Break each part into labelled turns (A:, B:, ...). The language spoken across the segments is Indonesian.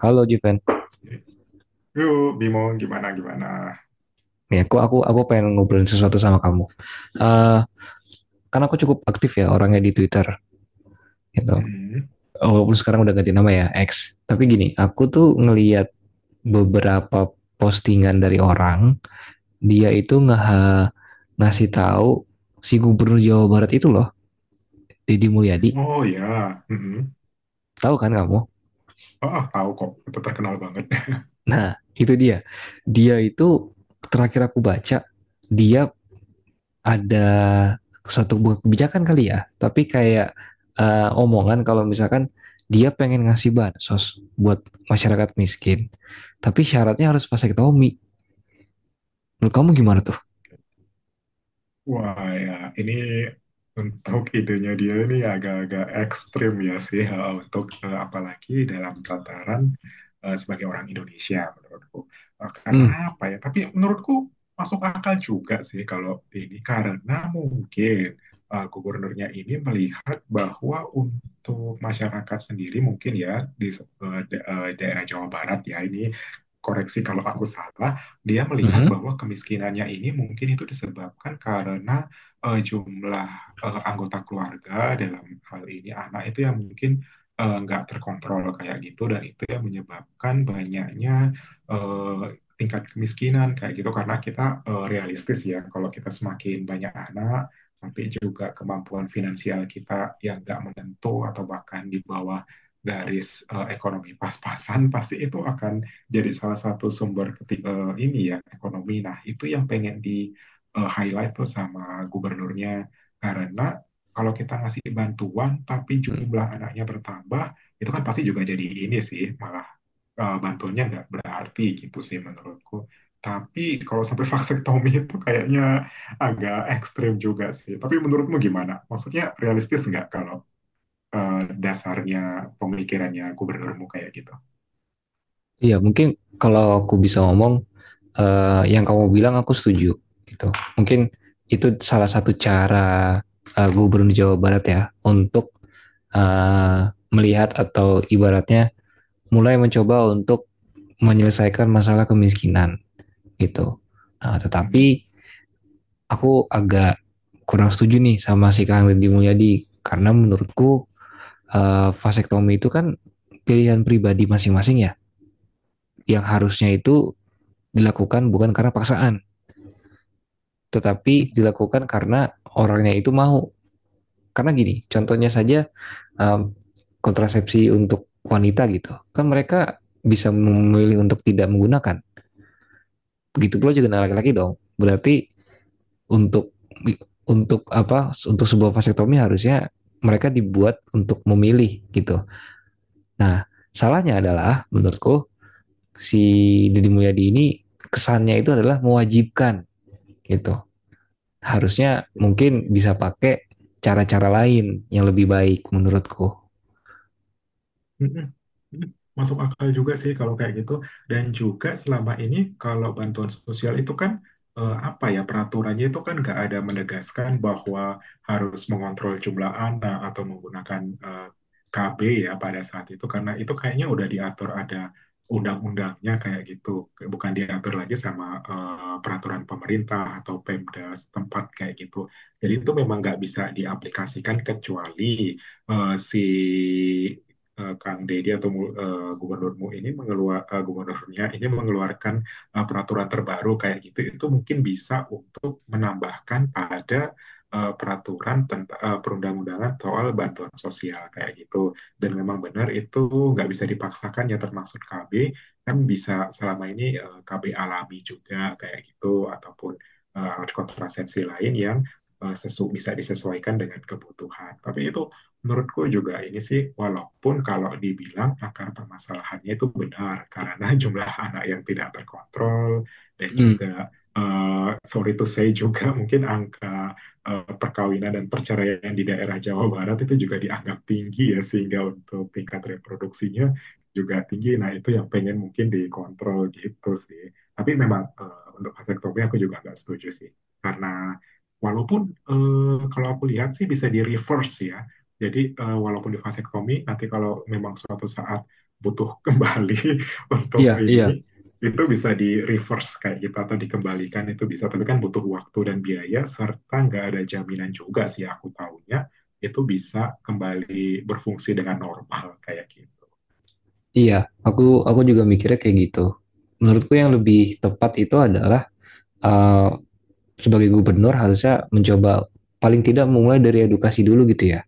A: Halo Juven,
B: Itu Bimo gimana gimana.
A: ya aku pengen ngobrolin sesuatu sama kamu. Eh karena aku cukup aktif ya orangnya di Twitter gitu.
B: Mm-mm.
A: Walaupun sekarang udah ganti nama ya X. Tapi gini, aku tuh ngeliat beberapa postingan dari orang, dia itu ngasih tahu si Gubernur Jawa Barat itu loh, Deddy Mulyadi.
B: Oh ya. Mm-mm.
A: Tahu kan kamu?
B: Oh, ah, tahu kok, itu terkenal banget.
A: Nah, itu dia. Dia itu terakhir aku baca, dia ada suatu buah kebijakan kali ya, tapi kayak omongan kalau misalkan dia pengen ngasih bansos buat masyarakat miskin, tapi syaratnya harus pakai Tommy. Menurut kamu gimana tuh?
B: Wah ya, ini untuk idenya dia ini agak-agak ekstrim ya sih untuk apalagi dalam tataran sebagai orang Indonesia menurutku. Karena
A: Hmm.
B: apa ya? Tapi menurutku masuk akal juga sih kalau ini karena mungkin gubernurnya ini melihat bahwa untuk masyarakat sendiri mungkin ya di daerah Jawa Barat ya ini, koreksi kalau aku salah, dia
A: Mhm.
B: melihat bahwa kemiskinannya ini mungkin itu disebabkan karena jumlah anggota keluarga, dalam hal ini anak, itu yang mungkin nggak terkontrol kayak gitu, dan itu yang menyebabkan banyaknya eh, tingkat kemiskinan kayak gitu. Karena kita realistis ya, kalau kita semakin banyak anak tapi juga kemampuan finansial kita yang nggak menentu atau bahkan di bawah garis ekonomi pas-pasan, pasti itu akan jadi salah satu sumber ini ya, ekonomi. Nah, itu yang pengen di highlight tuh sama gubernurnya. Karena kalau kita ngasih bantuan tapi jumlah anaknya bertambah, itu kan pasti juga jadi ini sih, malah bantuannya nggak berarti gitu sih menurutku. Tapi kalau sampai vasektomi, itu kayaknya agak ekstrim juga sih. Tapi menurutmu gimana? Maksudnya realistis nggak kalau eh, dasarnya pemikirannya gubernurmu kayak gitu?
A: Iya, mungkin kalau aku bisa ngomong yang kamu bilang aku setuju gitu. Mungkin itu salah satu cara Gubernur Jawa Barat ya untuk eh, melihat atau ibaratnya mulai mencoba untuk menyelesaikan masalah kemiskinan. Gitu. Nah,
B: Hmm.
A: tetapi aku agak kurang setuju nih sama si Kang Deddy Mulyadi karena menurutku vasektomi itu kan pilihan pribadi masing-masing ya yang harusnya itu dilakukan bukan karena paksaan, tetapi dilakukan karena orangnya itu mau. Karena gini, contohnya saja em, kontrasepsi untuk wanita gitu kan mereka bisa memilih untuk tidak menggunakan, begitu pula juga dengan laki-laki dong berarti. Untuk untuk apa, untuk sebuah vasektomi harusnya mereka dibuat untuk memilih gitu. Nah, salahnya adalah menurutku si Deddy Mulyadi ini kesannya itu adalah mewajibkan gitu. Harusnya
B: Oke, oke.
A: mungkin bisa pakai cara-cara lain yang lebih baik menurutku.
B: Mm-mm. Mm-mm. Masuk akal juga sih kalau kayak gitu. Dan juga selama ini kalau bantuan sosial itu kan apa ya, peraturannya itu kan nggak ada menegaskan bahwa harus mengontrol jumlah anak atau menggunakan KB ya pada saat itu, karena itu kayaknya udah diatur, ada undang-undangnya kayak gitu, bukan diatur lagi sama peraturan pemerintah atau Pemda setempat kayak gitu. Jadi itu memang nggak bisa diaplikasikan kecuali eh, si Kang Deddy atau mu- eh, gubernurmu ini mengeluar eh, gubernurnya ini mengeluarkan peraturan terbaru kayak gitu. Itu mungkin bisa untuk menambahkan pada peraturan tentang perundang-undangan soal bantuan sosial kayak gitu. Dan memang benar itu nggak bisa dipaksakan ya, termasuk KB, kan bisa selama ini KB alami juga kayak gitu ataupun alat kontrasepsi lain yang eh, sesu bisa disesuaikan dengan kebutuhan. Tapi itu menurutku juga ini sih, walaupun kalau dibilang akar permasalahannya itu benar, karena jumlah anak yang tidak terkontrol, dan
A: Hmm,
B: juga sorry to say juga mungkin angka perkawinan dan perceraian di daerah Jawa Barat itu juga dianggap tinggi ya, sehingga untuk tingkat reproduksinya juga tinggi. Nah, itu yang pengen mungkin dikontrol gitu sih. Tapi memang untuk vasektomi aku juga nggak setuju sih, karena walaupun kalau aku lihat sih bisa di reverse ya, jadi walaupun di vasektomi, nanti kalau memang suatu saat butuh kembali untuk
A: iya, iya.
B: ini, itu bisa di reverse kayak gitu atau dikembalikan, itu bisa. Tapi kan butuh waktu dan biaya, serta nggak ada jaminan juga sih, aku tahunya itu bisa kembali berfungsi dengan normal kayak gitu.
A: Iya, aku juga mikirnya kayak gitu. Menurutku yang lebih tepat itu adalah uh, sebagai gubernur harusnya mencoba paling tidak memulai dari edukasi dulu gitu ya,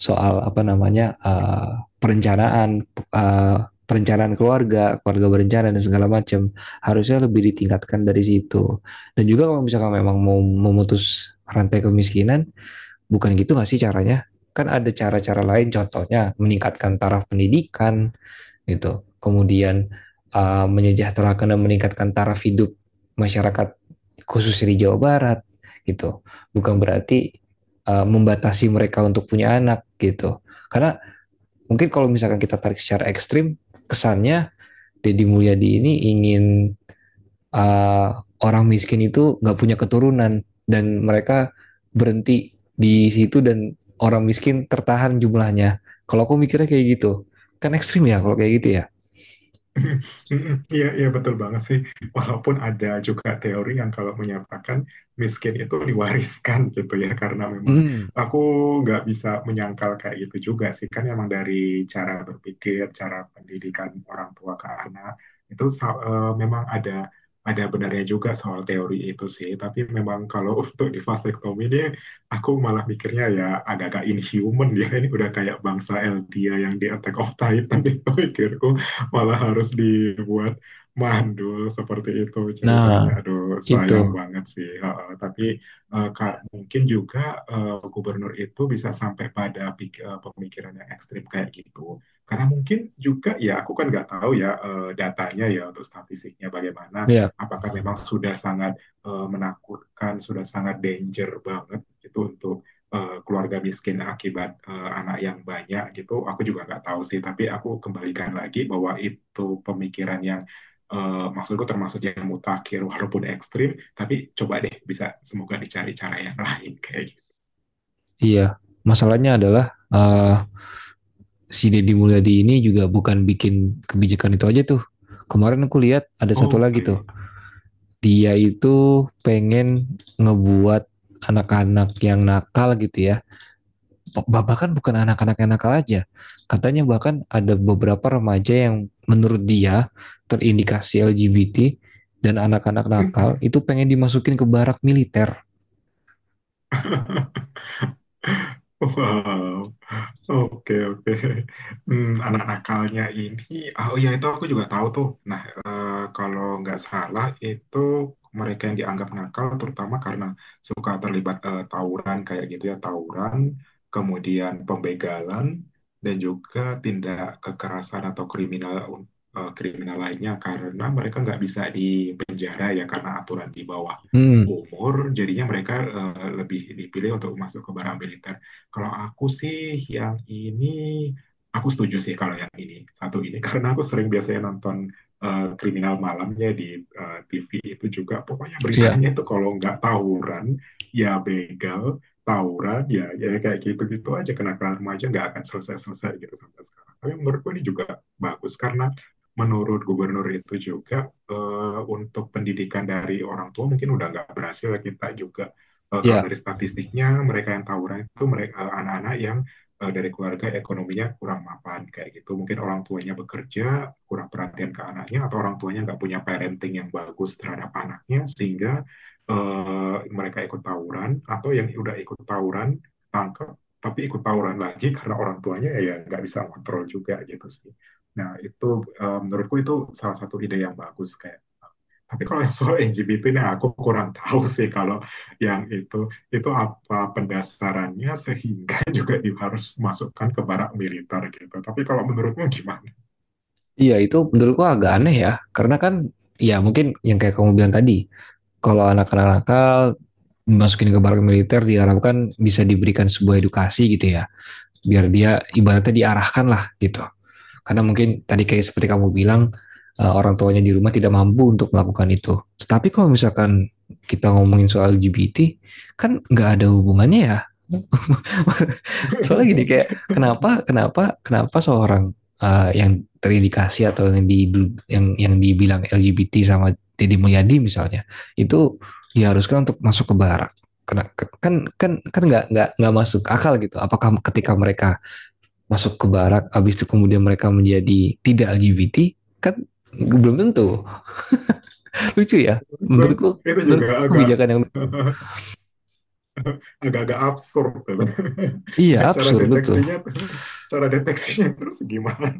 A: soal apa namanya, perencanaan perencanaan keluarga, keluarga berencana dan segala macam harusnya lebih ditingkatkan dari situ. Dan juga kalau misalkan memang mau memutus rantai kemiskinan, bukan gitu nggak sih caranya? Kan ada cara-cara lain, contohnya meningkatkan taraf pendidikan, gitu. Kemudian menyejahterakan dan meningkatkan taraf hidup masyarakat khususnya di Jawa Barat gitu. Bukan berarti membatasi mereka untuk punya anak gitu. Karena mungkin kalau misalkan kita tarik secara ekstrim, kesannya Deddy Mulyadi ini ingin uh, orang miskin itu nggak punya keturunan dan mereka berhenti di situ dan orang miskin tertahan jumlahnya. Kalau aku mikirnya kayak gitu, kan ekstrim ya kalau kayak gitu ya.
B: Iya, iya, betul banget sih. Walaupun ada juga teori yang kalau menyatakan miskin itu diwariskan gitu ya, karena memang
A: Hmm.
B: aku nggak bisa menyangkal kayak gitu juga sih. Kan emang dari cara berpikir, cara pendidikan orang tua ke anak, itu memang ada benarnya juga soal teori itu sih. Tapi memang kalau untuk di vasektomi ini, aku malah mikirnya ya agak-agak inhuman ya. Ini udah kayak bangsa Eldia yang di Attack of Titan itu, pikirku. Malah harus dibuat mandul seperti itu ceritanya.
A: Nah,
B: Aduh,
A: itu.
B: sayang banget sih. Heeh, tapi Kak, mungkin juga gubernur itu bisa sampai pada pemikiran yang ekstrim kayak gitu. Karena mungkin juga ya, aku kan nggak tahu ya datanya ya, untuk statistiknya bagaimana.
A: Ya,
B: Apakah memang sudah sangat menakutkan, sudah sangat danger banget itu untuk keluarga miskin akibat anak yang banyak gitu, aku juga nggak tahu sih. Tapi aku kembalikan lagi bahwa itu pemikiran yang maksudku termasuk yang mutakhir walaupun ekstrim, tapi coba deh, bisa semoga dicari cara yang lain kayak gitu.
A: iya. Masalahnya adalah eh, si Deddy Mulyadi ini juga bukan bikin kebijakan itu aja tuh. Kemarin aku lihat ada satu lagi tuh.
B: Oke.
A: Dia itu pengen ngebuat anak-anak yang nakal gitu ya. Bahkan bukan anak-anak yang nakal aja. Katanya bahkan ada beberapa remaja yang menurut dia terindikasi LGBT dan anak-anak nakal itu pengen dimasukin ke barak militer.
B: Wow. Oke, oke. Hmm, anak nakalnya ini, ah, oh iya, itu aku juga tahu tuh. Nah, kalau nggak salah itu, mereka yang dianggap nakal terutama karena suka terlibat tawuran kayak gitu ya, tawuran, kemudian pembegalan, dan juga tindak kekerasan atau kriminal, eh, kriminal lainnya, karena mereka nggak bisa dipenjara ya, karena aturan di bawah
A: Hmm,
B: umur, jadinya mereka lebih dipilih untuk masuk ke barang militer. Kalau aku sih yang ini, aku setuju sih kalau yang ini, satu ini, karena aku sering biasanya nonton kriminal malamnya di TV itu juga, pokoknya
A: ya.
B: beritanya itu kalau nggak tawuran ya begal, tawuran ya kayak gitu-gitu aja, kenakalan remaja nggak akan selesai-selesai gitu sampai sekarang. Tapi menurutku ini juga bagus, karena menurut gubernur itu juga untuk pendidikan dari orang tua mungkin udah nggak berhasil ya, kita juga kalau
A: Ya,
B: dari statistiknya, mereka yang tawuran itu mereka anak-anak yang dari keluarga ekonominya kurang mapan kayak gitu. Mungkin orang tuanya bekerja, kurang perhatian ke anaknya, atau orang tuanya nggak punya parenting yang bagus terhadap anaknya, sehingga mereka ikut tawuran, atau yang udah ikut tawuran tangkap tapi ikut tawuran lagi, karena orang tuanya ya nggak bisa kontrol juga gitu sih. Nah itu, menurutku itu salah satu ide yang bagus kayak, tapi kalau yang soal LGBT ini, aku kurang tahu sih kalau yang itu apa pendasarannya sehingga juga harus masukkan ke barak militer gitu. Tapi kalau menurutmu gimana?
A: iya itu menurutku agak aneh ya, karena kan ya mungkin yang kayak kamu bilang tadi, kalau anak-anak nakal masukin ke barak militer diharapkan bisa diberikan sebuah edukasi gitu ya, biar dia ibaratnya diarahkan lah gitu. Karena mungkin tadi kayak seperti kamu bilang orang tuanya di rumah tidak mampu untuk melakukan itu. Tapi kalau misalkan kita ngomongin soal LGBT, kan nggak ada hubungannya ya. Soalnya gini kayak, kenapa kenapa kenapa seorang yang terindikasi atau yang di yang dibilang LGBT sama Deddy Mulyadi misalnya itu diharuskan untuk masuk ke barak. Kena- kan kan kan nggak masuk akal gitu. Apakah ketika mereka masuk ke barak, habis itu kemudian mereka menjadi tidak LGBT, kan belum tentu. Lucu ya, menurutku
B: Itu
A: menurut
B: juga agak
A: kebijakan yang
B: agak-agak absurd gitu.
A: iya
B: Cara
A: absurd betul.
B: deteksinya cara deteksinya terus gimana?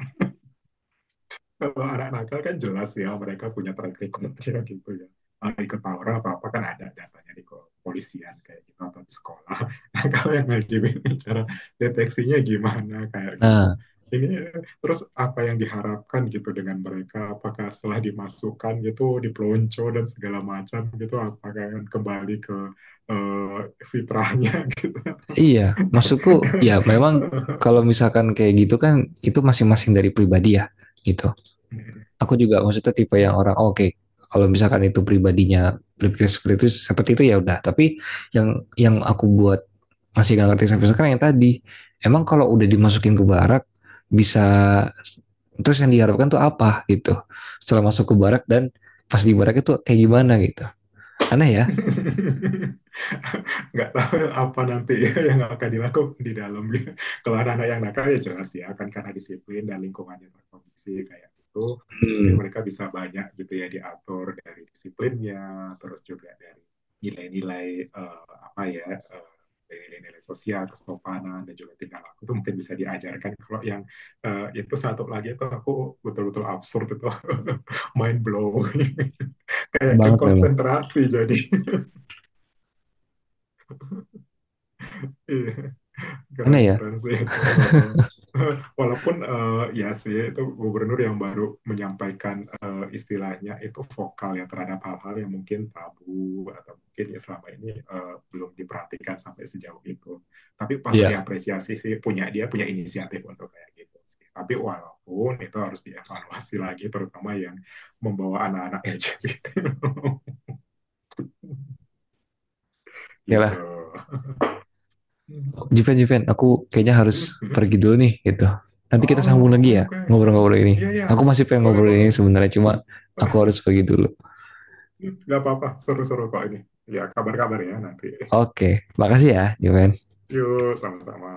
B: Kalau anak nakal kan jelas ya, mereka punya track recordnya gitu ya. Ah, ikut tawuran atau apa kan ada datanya di kepolisian kayak gitu atau di sekolah. Nah, kalau yang LGBT, cara deteksinya gimana kayak gitu.
A: Nah,
B: Ini terus apa yang diharapkan gitu dengan mereka? Apakah setelah dimasukkan gitu dipelonco dan segala macam gitu, apakah akan kembali ke eh, fitrahnya gitu?
A: iya, maksudku ya memang kalau misalkan kayak gitu kan itu masing-masing dari pribadi ya gitu. Aku juga maksudnya tipe yang orang oh, oke okay, kalau misalkan itu pribadinya berpikir seperti itu ya udah. Tapi yang yang aku buat masih gak ngerti sampai sekarang yang tadi, emang kalau udah dimasukin ke barak bisa terus yang diharapkan tuh apa gitu setelah masuk ke barak dan pas di barak itu kayak gimana gitu, aneh ya.
B: Nggak tahu apa nanti ya yang akan dilakukan di dalam gitu. Kalau anak-anak yang nakal ya jelas ya kan, karena disiplin dan lingkungan yang terkondisi kayak gitu, mungkin
A: Hmm.
B: mereka bisa banyak gitu ya diatur dari disiplinnya, terus juga dari nilai-nilai eh, apa ya eh, nilai-nilai sosial, kesopanan dan juga tingkah laku, itu mungkin bisa diajarkan. Kalau yang itu satu lagi itu, aku betul-betul absurd itu, mind blow,
A: Aneh
B: kayak kan
A: banget memang.
B: konsentrasi jadi. Iya,
A: Aneh ya.
B: keren-keren sih itu. Heeh. Walaupun ya sih, itu gubernur yang baru, menyampaikan istilahnya itu vokal ya terhadap hal-hal yang mungkin tabu, atau mungkin ya selama ini belum diperhatikan sampai sejauh itu. Tapi patut
A: Iya.
B: diapresiasi sih, dia punya inisiatif untuk kayak gitu sih. Tapi walaupun itu harus dievaluasi lagi, terutama yang membawa anak-anak LGBT
A: Ya lah.
B: gitu.
A: Juven, Juven, aku kayaknya harus pergi dulu nih gitu. Nanti kita sambung
B: Oh, oke,
A: lagi ya
B: oke. Hmm.
A: ngobrol-ngobrol
B: Iya,
A: ini.
B: iya.
A: Aku masih pengen
B: Boleh,
A: ngobrol ini
B: boleh.
A: sebenarnya cuma aku harus pergi dulu.
B: Nggak apa-apa. Seru-seru kok ini. Ya, kabar-kabar ya nanti.
A: Oke, makasih ya, Juven.
B: Yuk, sama-sama.